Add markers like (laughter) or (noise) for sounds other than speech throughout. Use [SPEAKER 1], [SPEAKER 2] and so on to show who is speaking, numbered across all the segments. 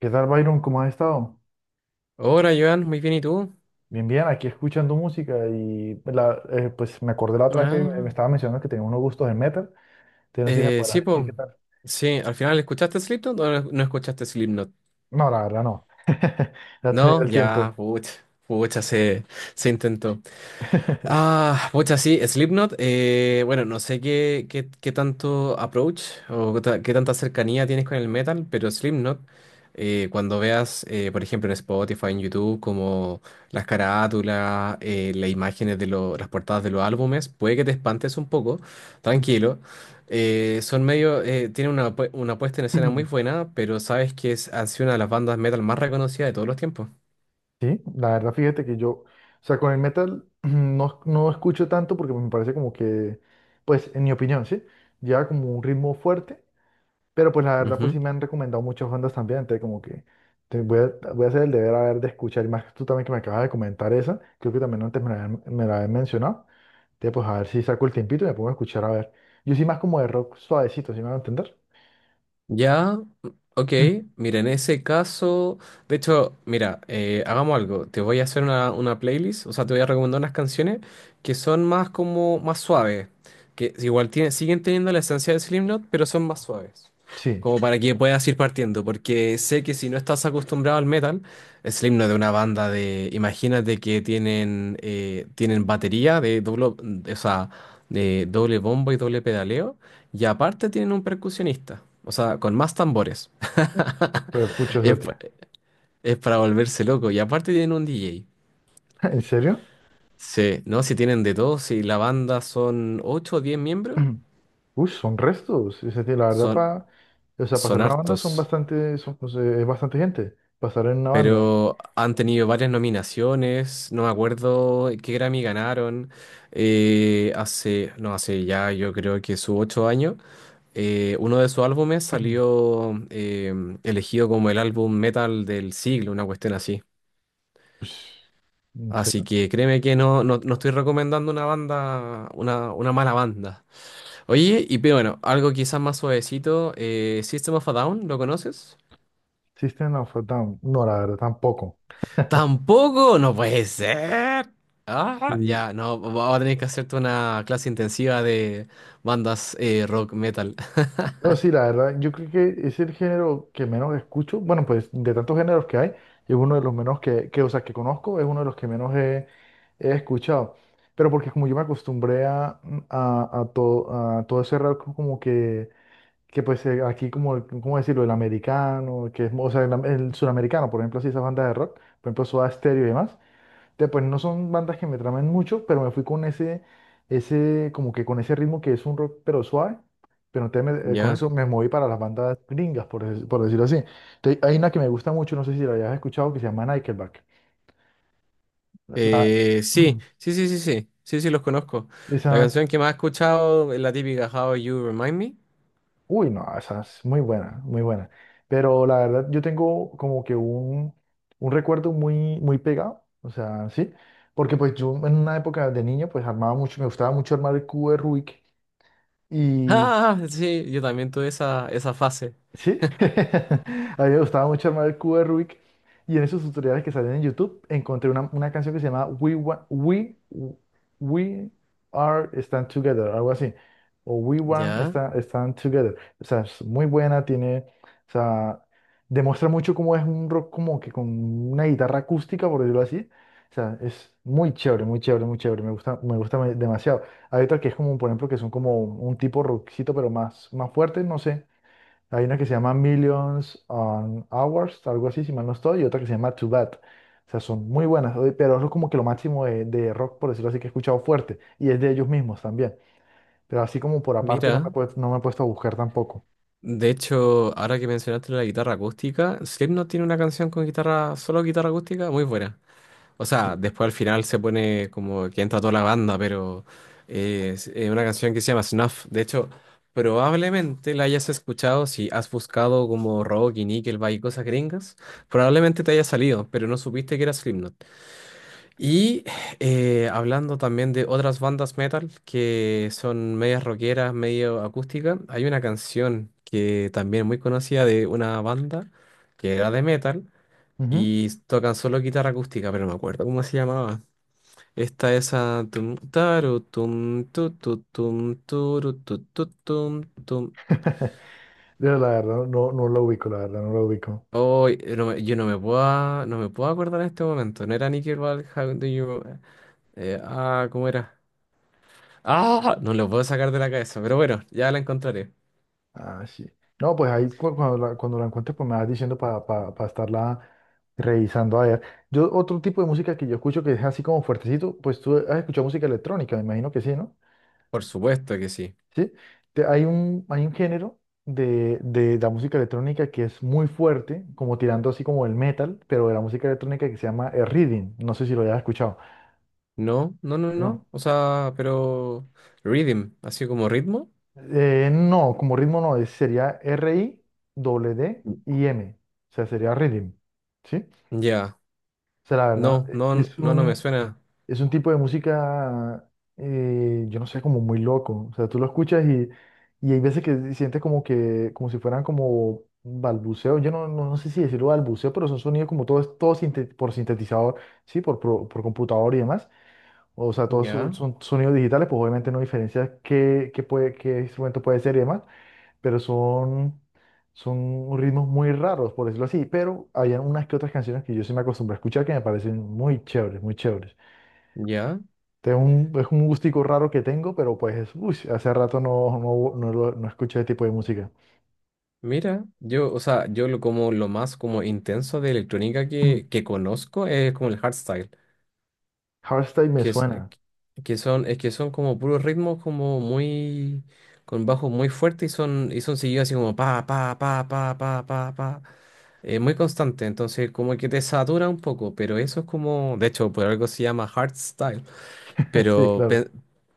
[SPEAKER 1] ¿Qué tal, Byron? ¿Cómo has estado?
[SPEAKER 2] Hola, Joan, muy bien, ¿y tú?
[SPEAKER 1] Bien, bien, aquí escuchando música pues me acordé la otra vez que
[SPEAKER 2] Ah,
[SPEAKER 1] me estaba mencionando que tenía unos gustos en metal. Entonces no sé si me podrás
[SPEAKER 2] sí,
[SPEAKER 1] decir qué
[SPEAKER 2] po.
[SPEAKER 1] tal.
[SPEAKER 2] Sí, al final, ¿escuchaste Slipknot o no escuchaste Slipknot?
[SPEAKER 1] No, la verdad no. (laughs) No he tenido
[SPEAKER 2] No,
[SPEAKER 1] el
[SPEAKER 2] ya,
[SPEAKER 1] tiempo.
[SPEAKER 2] pucha, pucha, se, se intentó.
[SPEAKER 1] (laughs)
[SPEAKER 2] Ah, pucha, sí, Slipknot. Bueno, no sé qué tanto approach o qué tanta cercanía tienes con el metal, pero Slipknot, cuando veas, por ejemplo, en Spotify, en YouTube, como las carátulas, las imágenes de las portadas de los álbumes, puede que te espantes un poco, tranquilo. Son medio, tienen una, una puesta en escena muy buena, pero sabes que es, han sido una de las bandas metal más reconocidas de todos los tiempos.
[SPEAKER 1] Sí, la verdad, fíjate que yo, o sea, con el metal (clears throat) no escucho tanto porque me parece como que, pues, en mi opinión, ¿sí? Lleva como un ritmo fuerte. Pero pues la verdad, pues
[SPEAKER 2] Ujú.
[SPEAKER 1] sí me han recomendado muchas bandas también, entonces como que voy a hacer el deber a ver de escuchar, y más tú también que me acabas de comentar esa, creo que también antes me la habían mencionado, entonces pues a ver si saco el tiempito y me pongo a escuchar a ver. Yo sí más como de rock suavecito, ¿sí me van a entender?
[SPEAKER 2] Ya, ok.
[SPEAKER 1] (clears throat)
[SPEAKER 2] Mira, en ese caso, de hecho, mira, hagamos algo. Te voy a hacer una playlist, o sea, te voy a recomendar unas canciones que son más como, más suaves, que igual tienen, siguen teniendo la esencia de Slipknot, pero son más suaves.
[SPEAKER 1] Sí.
[SPEAKER 2] Como para que puedas ir partiendo, porque sé que si no estás acostumbrado al metal, Slipknot es una banda de, imagínate que tienen, tienen batería de doble, o sea, de doble bombo y doble pedaleo. Y aparte tienen un percusionista, o sea, con más tambores.
[SPEAKER 1] Mm. Pues pucho
[SPEAKER 2] (laughs)
[SPEAKER 1] esa
[SPEAKER 2] Es, pa-
[SPEAKER 1] tía.
[SPEAKER 2] es para volverse loco. Y aparte tienen un DJ.
[SPEAKER 1] (laughs) ¿En serio?
[SPEAKER 2] Sí, no, si tienen de todo, si la banda son 8 o 10 miembros,
[SPEAKER 1] (clears throat) Uy, son restos, esa tía, la verdad,
[SPEAKER 2] son,
[SPEAKER 1] para, o sea, pasar
[SPEAKER 2] son
[SPEAKER 1] en una banda son
[SPEAKER 2] hartos.
[SPEAKER 1] bastante, son, pues, es bastante gente, pasar en una banda.
[SPEAKER 2] Pero han tenido varias nominaciones, no me acuerdo qué Grammy ganaron. Hace, no, Hace ya yo creo que sus 8 años, uno de sus álbumes
[SPEAKER 1] (clears throat)
[SPEAKER 2] salió elegido como el álbum metal del siglo, una cuestión así.
[SPEAKER 1] Ush, ¿en
[SPEAKER 2] Así
[SPEAKER 1] serio?
[SPEAKER 2] que créeme que no estoy recomendando una banda, una mala banda. Oye, y pero bueno, algo quizás más suavecito, System of a Down, ¿lo conoces?
[SPEAKER 1] System of a Down, no, la verdad tampoco.
[SPEAKER 2] ¡Tampoco! ¡No puede ser! Ah,
[SPEAKER 1] Sí.
[SPEAKER 2] ya, no, vamos a tener que hacerte una clase intensiva de bandas rock metal. (laughs)
[SPEAKER 1] No, sí, la verdad, yo creo que es el género que menos escucho. Bueno, pues de tantos géneros que hay, es uno de los menos o sea, que conozco, es uno de los que menos he escuchado. Pero porque como yo me acostumbré a, a todo ese rock como que pues aquí como, ¿cómo decirlo? El americano, que es, o sea, el sudamericano, por ejemplo, así esa banda de rock, por ejemplo, Soda Stereo y demás. Pues no son bandas que me tramen mucho, pero me fui con como que con ese ritmo que es un rock pero suave. Pero entonces con
[SPEAKER 2] ¿Ya?
[SPEAKER 1] eso me moví para las bandas gringas, por decirlo así. Entonces, hay una que me gusta mucho, no sé si la hayas escuchado, que se llama Nickelback. (clears throat)
[SPEAKER 2] Sí,
[SPEAKER 1] Mm.
[SPEAKER 2] sí, sí, sí, sí, sí, sí, los conozco. La
[SPEAKER 1] Esa,
[SPEAKER 2] canción que más he escuchado es la típica How You Remind Me.
[SPEAKER 1] uy, no, esa es muy buena, muy buena. Pero la verdad, yo tengo como que un recuerdo muy, muy pegado, o sea, sí, porque pues yo en una época de niño, pues armaba mucho, me gustaba mucho armar el cubo de Rubik.
[SPEAKER 2] Ah, sí, yo también tuve esa fase.
[SPEAKER 1] Sí, (laughs) a mí me gustaba mucho armar el cubo de Rubik y en esos tutoriales que salen en YouTube encontré una canción que se llama We Are Stand Together, algo así, o
[SPEAKER 2] ¿Ya?
[SPEAKER 1] Stand Together. O sea, es muy buena, tiene, o sea, demuestra mucho cómo es un rock como que con una guitarra acústica, por decirlo así. O sea, es muy chévere, muy chévere, muy chévere, me gusta, demasiado. Hay otra que es como, por ejemplo, que son como un tipo rockcito, pero más fuerte, no sé. Hay una que se llama Millions on Hours, algo así, si mal no estoy, y otra que se llama Too Bad. O sea, son muy buenas, oye, pero eso es como que lo máximo de rock, por decirlo así, que he escuchado fuerte, y es de ellos mismos también. Pero así como por aparte
[SPEAKER 2] Mira,
[SPEAKER 1] no me he puesto a buscar tampoco.
[SPEAKER 2] de hecho, ahora que mencionaste la guitarra acústica, no tiene una canción con guitarra, solo guitarra acústica, muy buena. O sea,
[SPEAKER 1] Sí.
[SPEAKER 2] después al final se pone como que entra toda la banda, pero es una canción que se llama Snuff. De hecho, probablemente la hayas escuchado si has buscado como rock y Nickelback y cosas gringas. Probablemente te haya salido, pero no supiste que era Slipknot. Y Hablando también de otras bandas metal que son medias rockeras, medio acústicas, hay una canción que también es muy conocida de una banda que era de metal
[SPEAKER 1] Ujú.
[SPEAKER 2] y tocan solo guitarra acústica, pero no me acuerdo cómo se llamaba. Esta es a tum taru tum tu tu tum turu tu tu tum tum.
[SPEAKER 1] (laughs) Yo la verdad no, no lo ubico, la verdad no lo ubico.
[SPEAKER 2] Oh, yo no me puedo, no me puedo acordar en este momento. No era Nickelback, How Do You... ¿cómo era? Ah, no lo puedo sacar de la cabeza, pero bueno, ya la encontraré.
[SPEAKER 1] Ah, sí. No, pues cuando cuando la encuentres, pues me vas diciendo para estarla revisando. A ver, yo otro tipo de música que yo escucho que es así como fuertecito, pues tú has escuchado música electrónica, me imagino que sí, ¿no?
[SPEAKER 2] Por supuesto que sí.
[SPEAKER 1] ¿Sí? Hay hay un género de la música electrónica que es muy fuerte, como tirando así como el metal, pero de la música electrónica que se llama el reading. No sé si lo hayas escuchado.
[SPEAKER 2] No, no, no,
[SPEAKER 1] No,
[SPEAKER 2] no. O sea, pero rhythm, así como ritmo.
[SPEAKER 1] No, como ritmo no, sería R-I, D D
[SPEAKER 2] Mm.
[SPEAKER 1] y M. O sea, sería reading, ¿sí? O
[SPEAKER 2] Ya.
[SPEAKER 1] sea, la verdad,
[SPEAKER 2] No, no, no, no me suena.
[SPEAKER 1] es un tipo de música, yo no sé, como muy loco. O sea, tú lo escuchas y hay veces que sientes como que, como si fueran como balbuceo. Yo no sé si decirlo balbuceo, pero son sonidos como todo, por sintetizador, sí, computador y demás. O sea, todos son,
[SPEAKER 2] Ya,
[SPEAKER 1] son sonidos digitales, pues obviamente no diferencias qué instrumento puede ser y demás, pero son, son ritmos muy raros, por decirlo así. Pero había unas que otras canciones que yo sí me acostumbré a escuchar que me parecen muy chéveres, muy chéveres.
[SPEAKER 2] ya.
[SPEAKER 1] Este es es un gustico raro que tengo, pero pues, uy, hace rato no escuché ese tipo de música.
[SPEAKER 2] Mira, yo, o sea, yo lo como lo más como intenso de electrónica
[SPEAKER 1] (clears throat)
[SPEAKER 2] que conozco es como el hardstyle.
[SPEAKER 1] Hardstyle me
[SPEAKER 2] que, es- eh,
[SPEAKER 1] suena.
[SPEAKER 2] que son, es que son como puros ritmos como muy, con bajos muy fuertes y son seguidos así como pa, pa, pa, pa, pa, pa, pa. Muy constante, entonces como que te satura un poco, pero eso es como, de hecho, por algo se llama hardstyle,
[SPEAKER 1] (laughs) Sí,
[SPEAKER 2] pero
[SPEAKER 1] claro.
[SPEAKER 2] pe-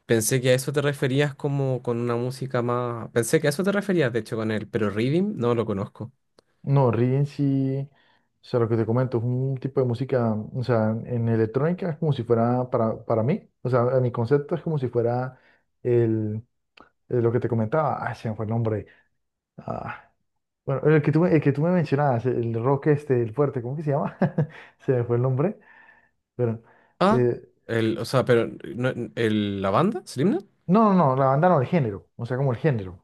[SPEAKER 2] pensé que a eso te referías como con una música más, pensé que a eso te referías, de hecho, con él, pero Rhythm no lo conozco.
[SPEAKER 1] No, Rigen sí, o sea, lo que te comento, es un tipo de música, o sea, en electrónica es como si fuera para mí, o sea, a mi concepto es como si fuera el, lo que te comentaba, ah, se me fue el nombre. Ah, bueno, el que tú me mencionabas, el rock este, el fuerte, ¿cómo que se llama? (laughs) Se me fue el nombre, pero
[SPEAKER 2] Ah,
[SPEAKER 1] eh,
[SPEAKER 2] el, o sea, pero no- el, La banda, Slipknot,
[SPEAKER 1] no, no, no, la banda no, el género, o sea, como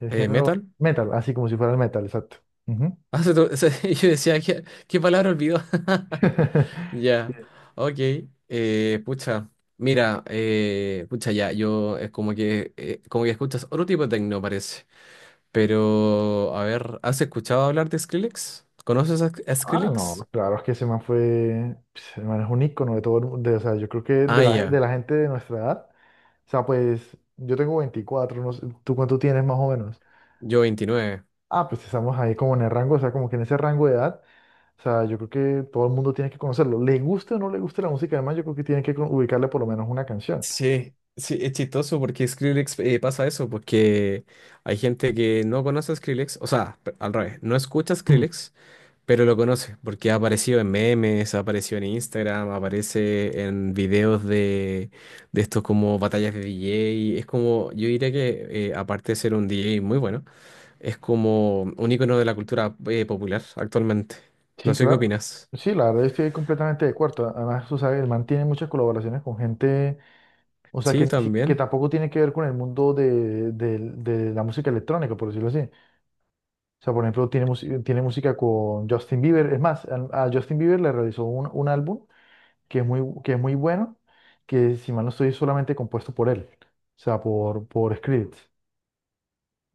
[SPEAKER 1] el género
[SPEAKER 2] metal.
[SPEAKER 1] metal, así como si fuera el metal, exacto. Ujú.
[SPEAKER 2] Ah, (laughs) yo decía, ¿qué palabra olvidó? (laughs)
[SPEAKER 1] (laughs)
[SPEAKER 2] Ya,
[SPEAKER 1] Sí.
[SPEAKER 2] ok. Pucha, mira, pucha, ya, yo es como que escuchas otro tipo de tecno, parece. Pero, a ver, ¿has escuchado hablar de Skrillex? ¿Conoces a
[SPEAKER 1] Ah, no,
[SPEAKER 2] Skrillex?
[SPEAKER 1] claro, es que ese man fue, pues, el man es un ícono de todo el mundo, o sea, yo creo que
[SPEAKER 2] Ah,
[SPEAKER 1] de
[SPEAKER 2] ya,
[SPEAKER 1] la gente de nuestra edad, o sea, pues, yo tengo 24, no sé, ¿tú cuánto tienes más o menos?
[SPEAKER 2] yo 29.
[SPEAKER 1] Ah, pues estamos ahí como en el rango, o sea, como que en ese rango de edad, o sea, yo creo que todo el mundo tiene que conocerlo, le guste o no le guste la música, además yo creo que tienen que ubicarle por lo menos una canción.
[SPEAKER 2] Sí, sí, es chistoso porque Skrillex pasa eso, porque hay gente que no conoce a Skrillex, o sea, al revés, no escucha a Skrillex, pero lo conoce, porque ha aparecido en memes, ha aparecido en Instagram, aparece en videos de estos como batallas de DJ. Es como, yo diría que aparte de ser un DJ muy bueno, es como un icono de la cultura popular actualmente.
[SPEAKER 1] Sí,
[SPEAKER 2] No sé qué
[SPEAKER 1] claro.
[SPEAKER 2] opinas.
[SPEAKER 1] Sí, la verdad estoy completamente de acuerdo. Además, tú sabes, el man tiene muchas colaboraciones con gente, o sea, que,
[SPEAKER 2] Sí,
[SPEAKER 1] ni si- que
[SPEAKER 2] también.
[SPEAKER 1] tampoco tiene que ver con el mundo de la música electrónica, por decirlo así. O sea, por ejemplo, tiene música con Justin Bieber. Es más, a Justin Bieber le realizó un álbum que es muy bueno, que si mal no estoy, es solamente compuesto por él. O sea, por Skrillex.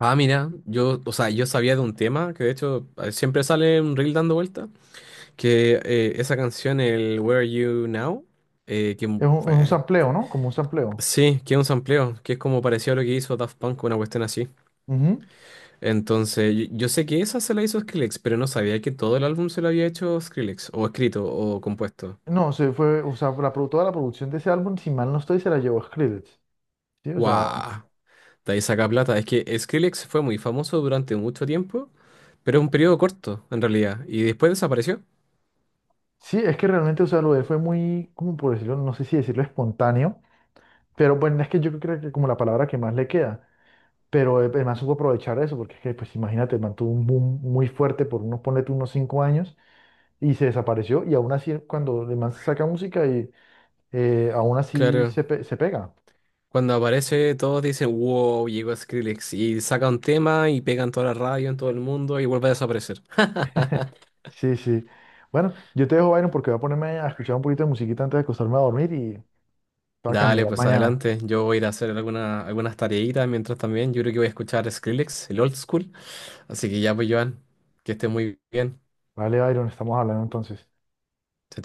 [SPEAKER 2] Ah, mira, yo, o sea, yo sabía de un tema que de hecho siempre sale un reel dando vuelta, que esa canción, el Where Are You Now,
[SPEAKER 1] Es un
[SPEAKER 2] fue...
[SPEAKER 1] sampleo, ¿no? Como un sampleo.
[SPEAKER 2] Sí, que es un sampleo, que es como parecido a lo que hizo Daft Punk, una cuestión así.
[SPEAKER 1] Ujú.
[SPEAKER 2] Entonces, yo sé que esa se la hizo Skrillex, pero no sabía que todo el álbum se lo había hecho Skrillex, o escrito, o compuesto.
[SPEAKER 1] No, se fue, o sea, toda la producción de ese álbum, si mal no estoy, se la llevó Skrillex. Sí, o sea,
[SPEAKER 2] ¡Wow! De ahí saca plata. Es que Skrillex fue muy famoso durante mucho tiempo, pero un periodo corto, en realidad, y después desapareció.
[SPEAKER 1] sí, es que realmente, o sea, lo de él fue muy, como por decirlo, no sé si decirlo espontáneo, pero bueno, es que yo creo que como la palabra que más le queda, pero el man supo aprovechar eso, porque es que, pues imagínate, el man tuvo un boom muy fuerte por unos, ponle tú, unos 5 años y se desapareció y aún así cuando el man saca música y aún así
[SPEAKER 2] Claro,
[SPEAKER 1] se pega.
[SPEAKER 2] cuando aparece todos dicen, wow, llegó Skrillex, y saca un tema y pegan toda la radio en todo el mundo y vuelve a desaparecer.
[SPEAKER 1] Sí, sí. Bueno, yo te dejo, Byron, porque voy a ponerme a escuchar un poquito de musiquita antes de acostarme a dormir y para a
[SPEAKER 2] Dale,
[SPEAKER 1] camellar
[SPEAKER 2] pues
[SPEAKER 1] mañana.
[SPEAKER 2] adelante. Yo voy a ir a hacer algunas tareitas mientras también. Yo creo que voy a escuchar Skrillex, el old school. Así que ya, pues, Joan, que esté muy bien.
[SPEAKER 1] Vale, Byron, estamos hablando entonces.